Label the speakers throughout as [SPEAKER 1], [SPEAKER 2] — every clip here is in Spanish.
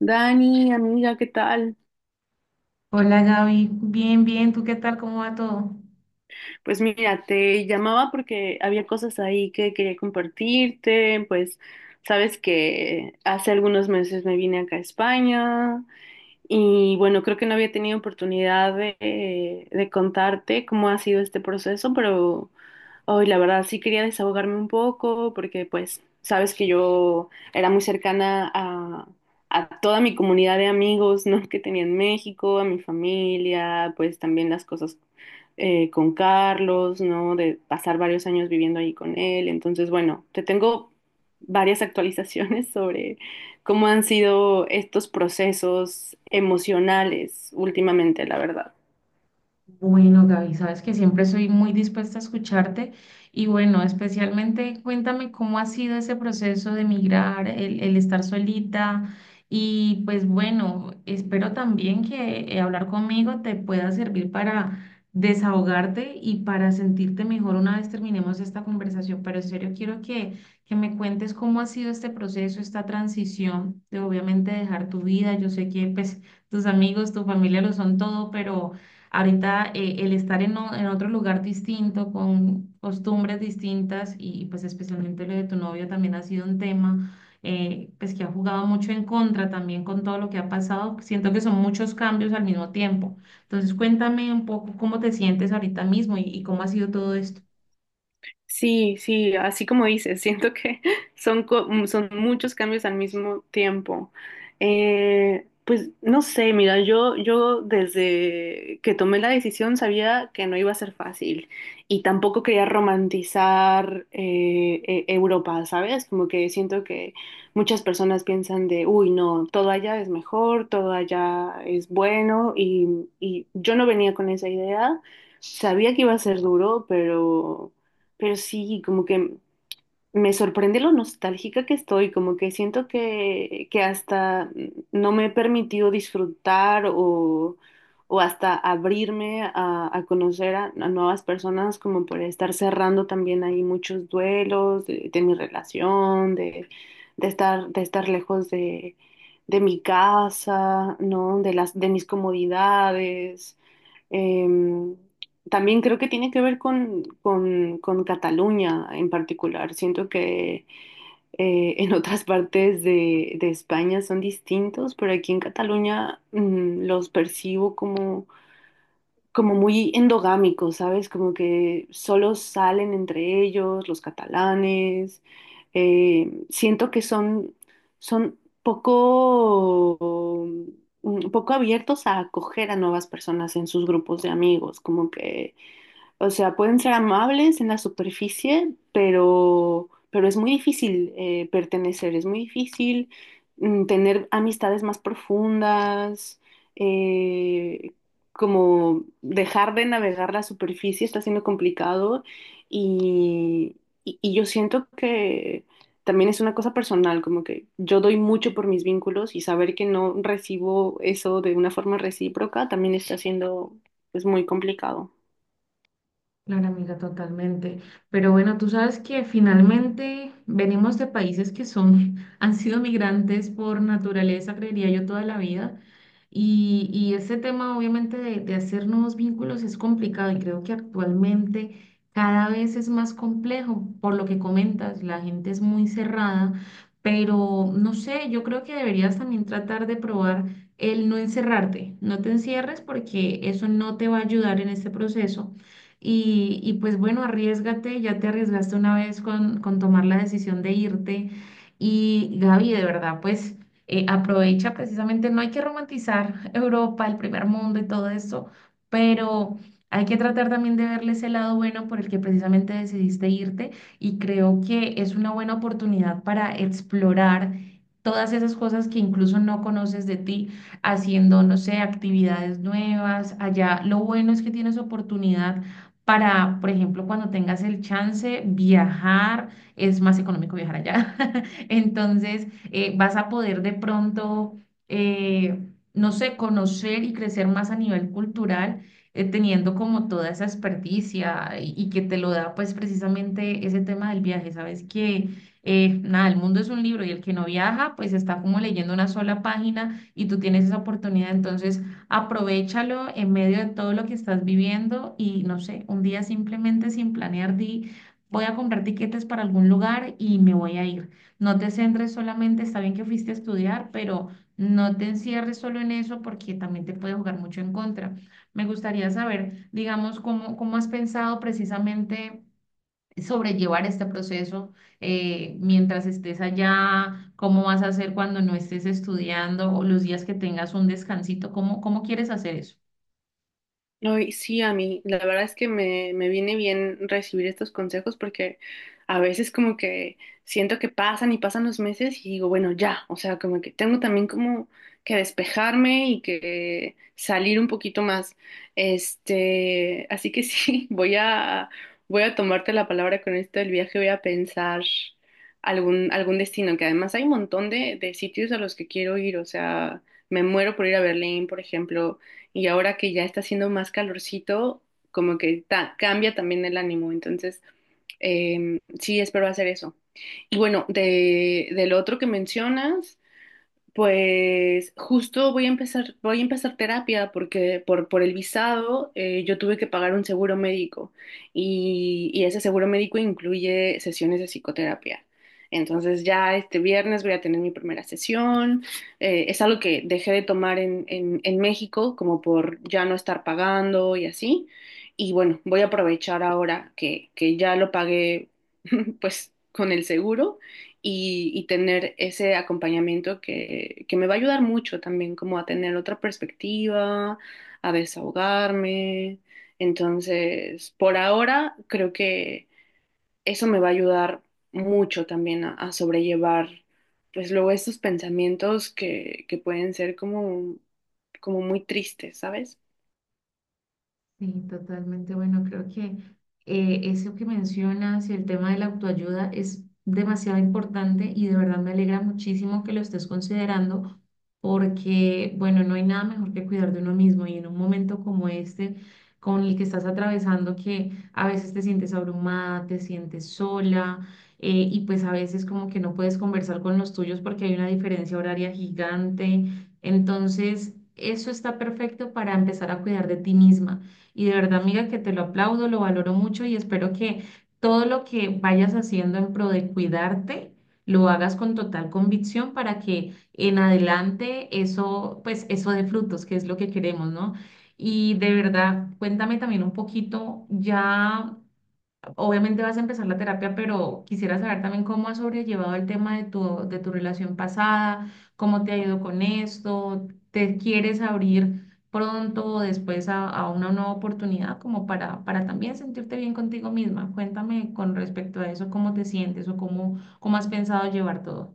[SPEAKER 1] Dani, amiga, ¿qué tal?
[SPEAKER 2] Hola Gaby, bien, bien, ¿tú qué tal? ¿Cómo va todo?
[SPEAKER 1] Pues mira, te llamaba porque había cosas ahí que quería compartirte, pues sabes que hace algunos meses me vine acá a España. Y bueno, creo que no había tenido oportunidad de contarte cómo ha sido este proceso, pero hoy la verdad sí quería desahogarme un poco porque pues sabes que yo era muy cercana a toda mi comunidad de amigos, ¿no? que tenía en México, a mi familia, pues también las cosas con Carlos, ¿no? De pasar varios años viviendo ahí con él. Entonces, bueno, te tengo varias actualizaciones sobre cómo han sido estos procesos emocionales últimamente, la verdad.
[SPEAKER 2] Bueno, Gaby, sabes que siempre soy muy dispuesta a escucharte y bueno, especialmente cuéntame cómo ha sido ese proceso de migrar, el estar solita y pues bueno, espero también que hablar conmigo te pueda servir para desahogarte y para sentirte mejor una vez terminemos esta conversación, pero en serio quiero que me cuentes cómo ha sido este proceso, esta transición de obviamente dejar tu vida, yo sé que pues tus amigos, tu familia lo son todo, pero... Ahorita el estar en, en otro lugar distinto, con costumbres distintas y pues especialmente lo de tu novio también ha sido un tema pues que ha jugado mucho en contra también con todo lo que ha pasado. Siento que son muchos cambios al mismo tiempo. Entonces cuéntame un poco cómo te sientes ahorita mismo y cómo ha sido todo esto.
[SPEAKER 1] Sí, sí, así como dices, siento que son muchos cambios al mismo tiempo. Pues no sé, mira, yo desde que tomé la decisión sabía que no iba a ser fácil y tampoco quería romantizar Europa, ¿sabes? Como que siento que muchas personas piensan de, uy, no, todo allá es mejor, todo allá es bueno y yo no venía con esa idea. Sabía que iba a ser duro, pero... Pero sí, como que me sorprende lo nostálgica que estoy, como que siento que hasta no me he permitido o hasta abrirme a conocer a nuevas personas, como por estar cerrando también ahí muchos duelos de mi relación, de, de estar lejos de mi casa, ¿no? De mis comodidades. Em, También creo que tiene que ver con Cataluña en particular. Siento que en otras partes de España son distintos, pero aquí en Cataluña los percibo como como muy endogámicos, ¿sabes? Como que solo salen entre ellos los catalanes. Siento que son, son poco, un poco abiertos a acoger a nuevas personas en sus grupos de amigos, como que o sea, pueden ser amables en la superficie, pero es muy difícil pertenecer, es muy difícil tener amistades más profundas, eh, como dejar de navegar la superficie está siendo complicado y, y yo siento que también es una cosa personal, como que yo doy mucho por mis vínculos y saber que no recibo eso de una forma recíproca también está siendo, es muy complicado.
[SPEAKER 2] Claro, amiga, totalmente. Pero bueno, tú sabes que finalmente venimos de países que son, han sido migrantes por naturaleza, creería yo, toda la vida. Y ese tema, obviamente, de hacer nuevos vínculos es complicado y creo que actualmente cada vez es más complejo, por lo que comentas, la gente es muy cerrada, pero no sé, yo creo que deberías también tratar de probar el no encerrarte, no te encierres porque eso no te va a ayudar en este proceso y pues bueno, arriesgate, ya te arriesgaste una vez con tomar la decisión de irte. Y Gaby, de verdad, pues aprovecha precisamente, no hay que romantizar Europa, el primer mundo y todo esto, pero hay que tratar también de verle ese lado bueno por el que precisamente decidiste irte. Y creo que es una buena oportunidad para explorar. Todas esas cosas que incluso no conoces de ti, haciendo, no sé, actividades nuevas allá. Lo bueno es que tienes oportunidad para, por ejemplo, cuando tengas el chance, viajar, es más económico viajar allá. Entonces, vas a poder de pronto, eh, no sé, conocer y crecer más a nivel cultural, teniendo como toda esa experticia y que te lo da pues precisamente ese tema del viaje. Sabes que, nada, el mundo es un libro y el que no viaja pues está como leyendo una sola página y tú tienes esa oportunidad. Entonces, aprovechalo en medio de todo lo que estás viviendo y no sé, un día simplemente sin planear, di, voy a comprar tiquetes para algún lugar y me voy a ir. No te centres solamente, está bien que fuiste a estudiar, pero no te encierres solo en eso porque también te puede jugar mucho en contra. Me gustaría saber, digamos, cómo has pensado precisamente sobrellevar este proceso ¿mientras estés allá? ¿Cómo vas a hacer cuando no estés estudiando o los días que tengas un descansito? ¿ cómo quieres hacer eso?
[SPEAKER 1] Ay, sí, a mí, la verdad es que me viene bien recibir estos consejos porque a veces como que siento que pasan y pasan los meses y digo, bueno, ya, o sea, como que tengo también como que despejarme y que salir un poquito más. Este, así que sí, voy a tomarte la palabra con esto del viaje, voy a pensar algún destino, que además hay un montón de sitios a los que quiero ir, o sea, me muero por ir a Berlín, por ejemplo, y ahora que ya está haciendo más calorcito, como que cambia también el ánimo. Entonces, sí, espero hacer eso. Y bueno, de, del otro que mencionas. Pues justo voy a empezar terapia porque por el visado yo tuve que pagar un seguro médico y ese seguro médico incluye sesiones de psicoterapia. Entonces ya este viernes voy a tener mi primera sesión. Es algo que dejé de tomar en México como por ya no estar pagando y así. Y bueno, voy a aprovechar ahora que ya lo pagué pues con el seguro y tener ese acompañamiento que me va a ayudar mucho también, como a tener otra perspectiva, a desahogarme. Entonces, por ahora, creo que eso me va a ayudar mucho también a sobrellevar, pues luego estos pensamientos que pueden ser como, como muy tristes, ¿sabes?
[SPEAKER 2] Sí, totalmente. Bueno, creo que eso que mencionas y el tema de la autoayuda es demasiado importante y de verdad me alegra muchísimo que lo estés considerando porque, bueno, no hay nada mejor que cuidar de uno mismo y en un momento como este, con el que estás atravesando, que a veces te sientes abrumada, te sientes sola y pues a veces como que no puedes conversar con los tuyos porque hay una diferencia horaria gigante. Entonces, eso está perfecto para empezar a cuidar de ti misma y de verdad, amiga, que te lo aplaudo, lo valoro mucho y espero que todo lo que vayas haciendo en pro de cuidarte, lo hagas con total convicción para que en adelante eso, pues eso dé frutos, que es lo que queremos, ¿no? Y de verdad, cuéntame también un poquito ya obviamente vas a empezar la terapia, pero quisiera saber también cómo has sobrellevado el tema de tu relación pasada, cómo te ha ido con esto, te quieres abrir pronto o después a una nueva oportunidad como para también sentirte bien contigo misma. Cuéntame con respecto a eso, cómo te sientes o cómo has pensado llevar todo.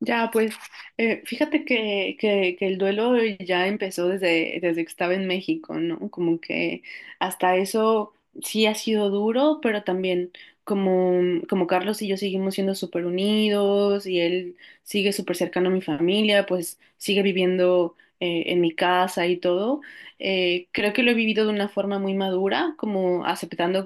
[SPEAKER 1] Ya, pues fíjate que, que el duelo ya empezó desde, desde que estaba en México, ¿no? Como que hasta eso sí ha sido duro, pero también como, como Carlos y yo seguimos siendo súper unidos y él sigue súper cercano a mi familia, pues sigue viviendo en mi casa y todo. Creo que lo he vivido de una forma muy madura, como aceptando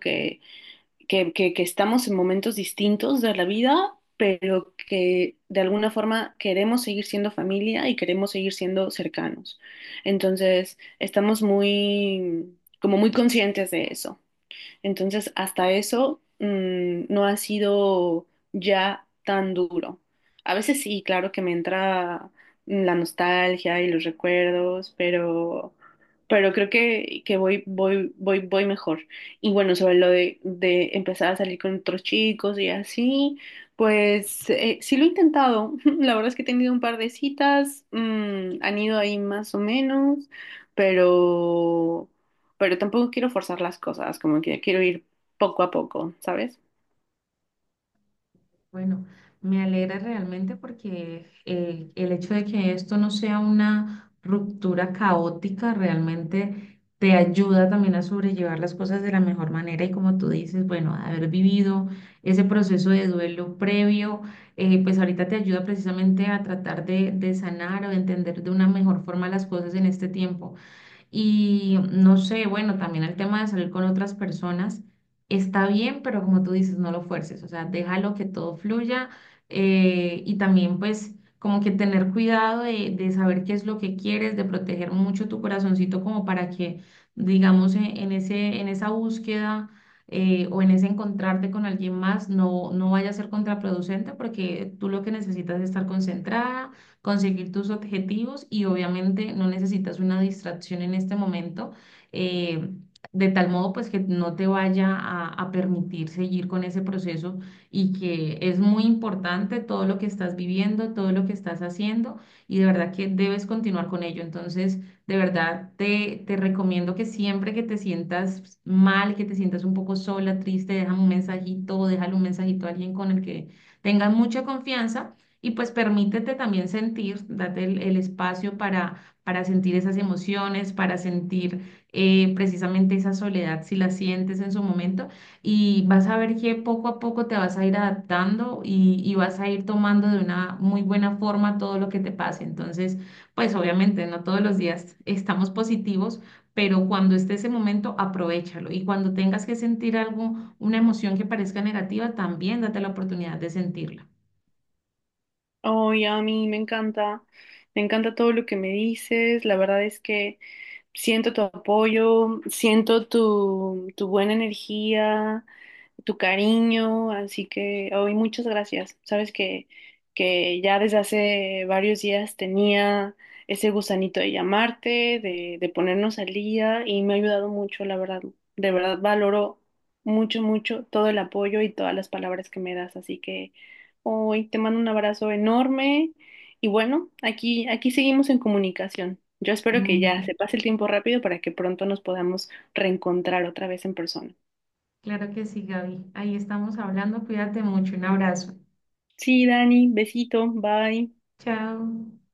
[SPEAKER 1] que estamos en momentos distintos de la vida, pero que de alguna forma queremos seguir siendo familia y queremos seguir siendo cercanos. Entonces, estamos muy, como muy conscientes de eso. Entonces, hasta eso no ha sido ya tan duro. A veces sí, claro que me entra la nostalgia y los recuerdos, pero creo que voy mejor. Y bueno, sobre lo de empezar a salir con otros chicos y así, pues sí lo he intentado. La verdad es que he tenido un par de citas, han ido ahí más o menos, pero pero tampoco quiero forzar las cosas, como que quiero ir poco a poco, ¿sabes?
[SPEAKER 2] Bueno, me alegra realmente porque el hecho de que esto no sea una ruptura caótica realmente te ayuda también a sobrellevar las cosas de la mejor manera y como tú dices, bueno, haber vivido ese proceso de duelo previo, pues ahorita te ayuda precisamente a tratar de sanar o de entender de una mejor forma las cosas en este tiempo. Y no sé, bueno, también el tema de salir con otras personas está bien, pero como tú dices, no lo fuerces, o sea, déjalo que todo fluya y también pues como que tener cuidado de saber qué es lo que quieres, de proteger mucho tu corazoncito como para que, digamos, en ese, en esa búsqueda o en ese encontrarte con alguien más no, no vaya a ser contraproducente porque tú lo que necesitas es estar concentrada conseguir tus objetivos y obviamente no necesitas una distracción en este momento, eh, de tal modo pues que no te vaya a permitir seguir con ese proceso y que es muy importante todo lo que estás viviendo, todo lo que estás haciendo y de verdad que debes continuar con ello. Entonces, de verdad te recomiendo que siempre que te sientas mal, que te sientas un poco sola, triste, déjame un mensajito, déjale un mensajito a alguien con el que tengas mucha confianza y pues permítete también sentir, date el espacio para sentir esas emociones, para sentir precisamente esa soledad si la sientes en su momento. Y vas a ver que poco a poco te vas a ir adaptando y vas a ir tomando de una muy buena forma todo lo que te pase. Entonces, pues obviamente no todos los días estamos positivos, pero cuando esté ese momento, aprovéchalo. Y cuando tengas que sentir algo, una emoción que parezca negativa, también date la oportunidad de sentirla.
[SPEAKER 1] Oye, a mí me encanta todo lo que me dices, la verdad es que... Siento tu apoyo, siento tu buena energía, tu cariño, así que hoy muchas gracias. Sabes que ya desde hace varios días tenía ese gusanito de llamarte, de ponernos al día y me ha ayudado mucho, la verdad. De verdad valoro mucho, mucho todo el apoyo y todas las palabras que me das, así que hoy te mando un abrazo enorme y bueno, aquí, aquí seguimos en comunicación. Yo espero que ya
[SPEAKER 2] Mm.
[SPEAKER 1] se pase el tiempo rápido para que pronto nos podamos reencontrar otra vez en persona.
[SPEAKER 2] Claro que sí, Gaby. Ahí estamos hablando. Cuídate mucho. Un abrazo.
[SPEAKER 1] Sí, Dani, besito, bye.
[SPEAKER 2] Chao.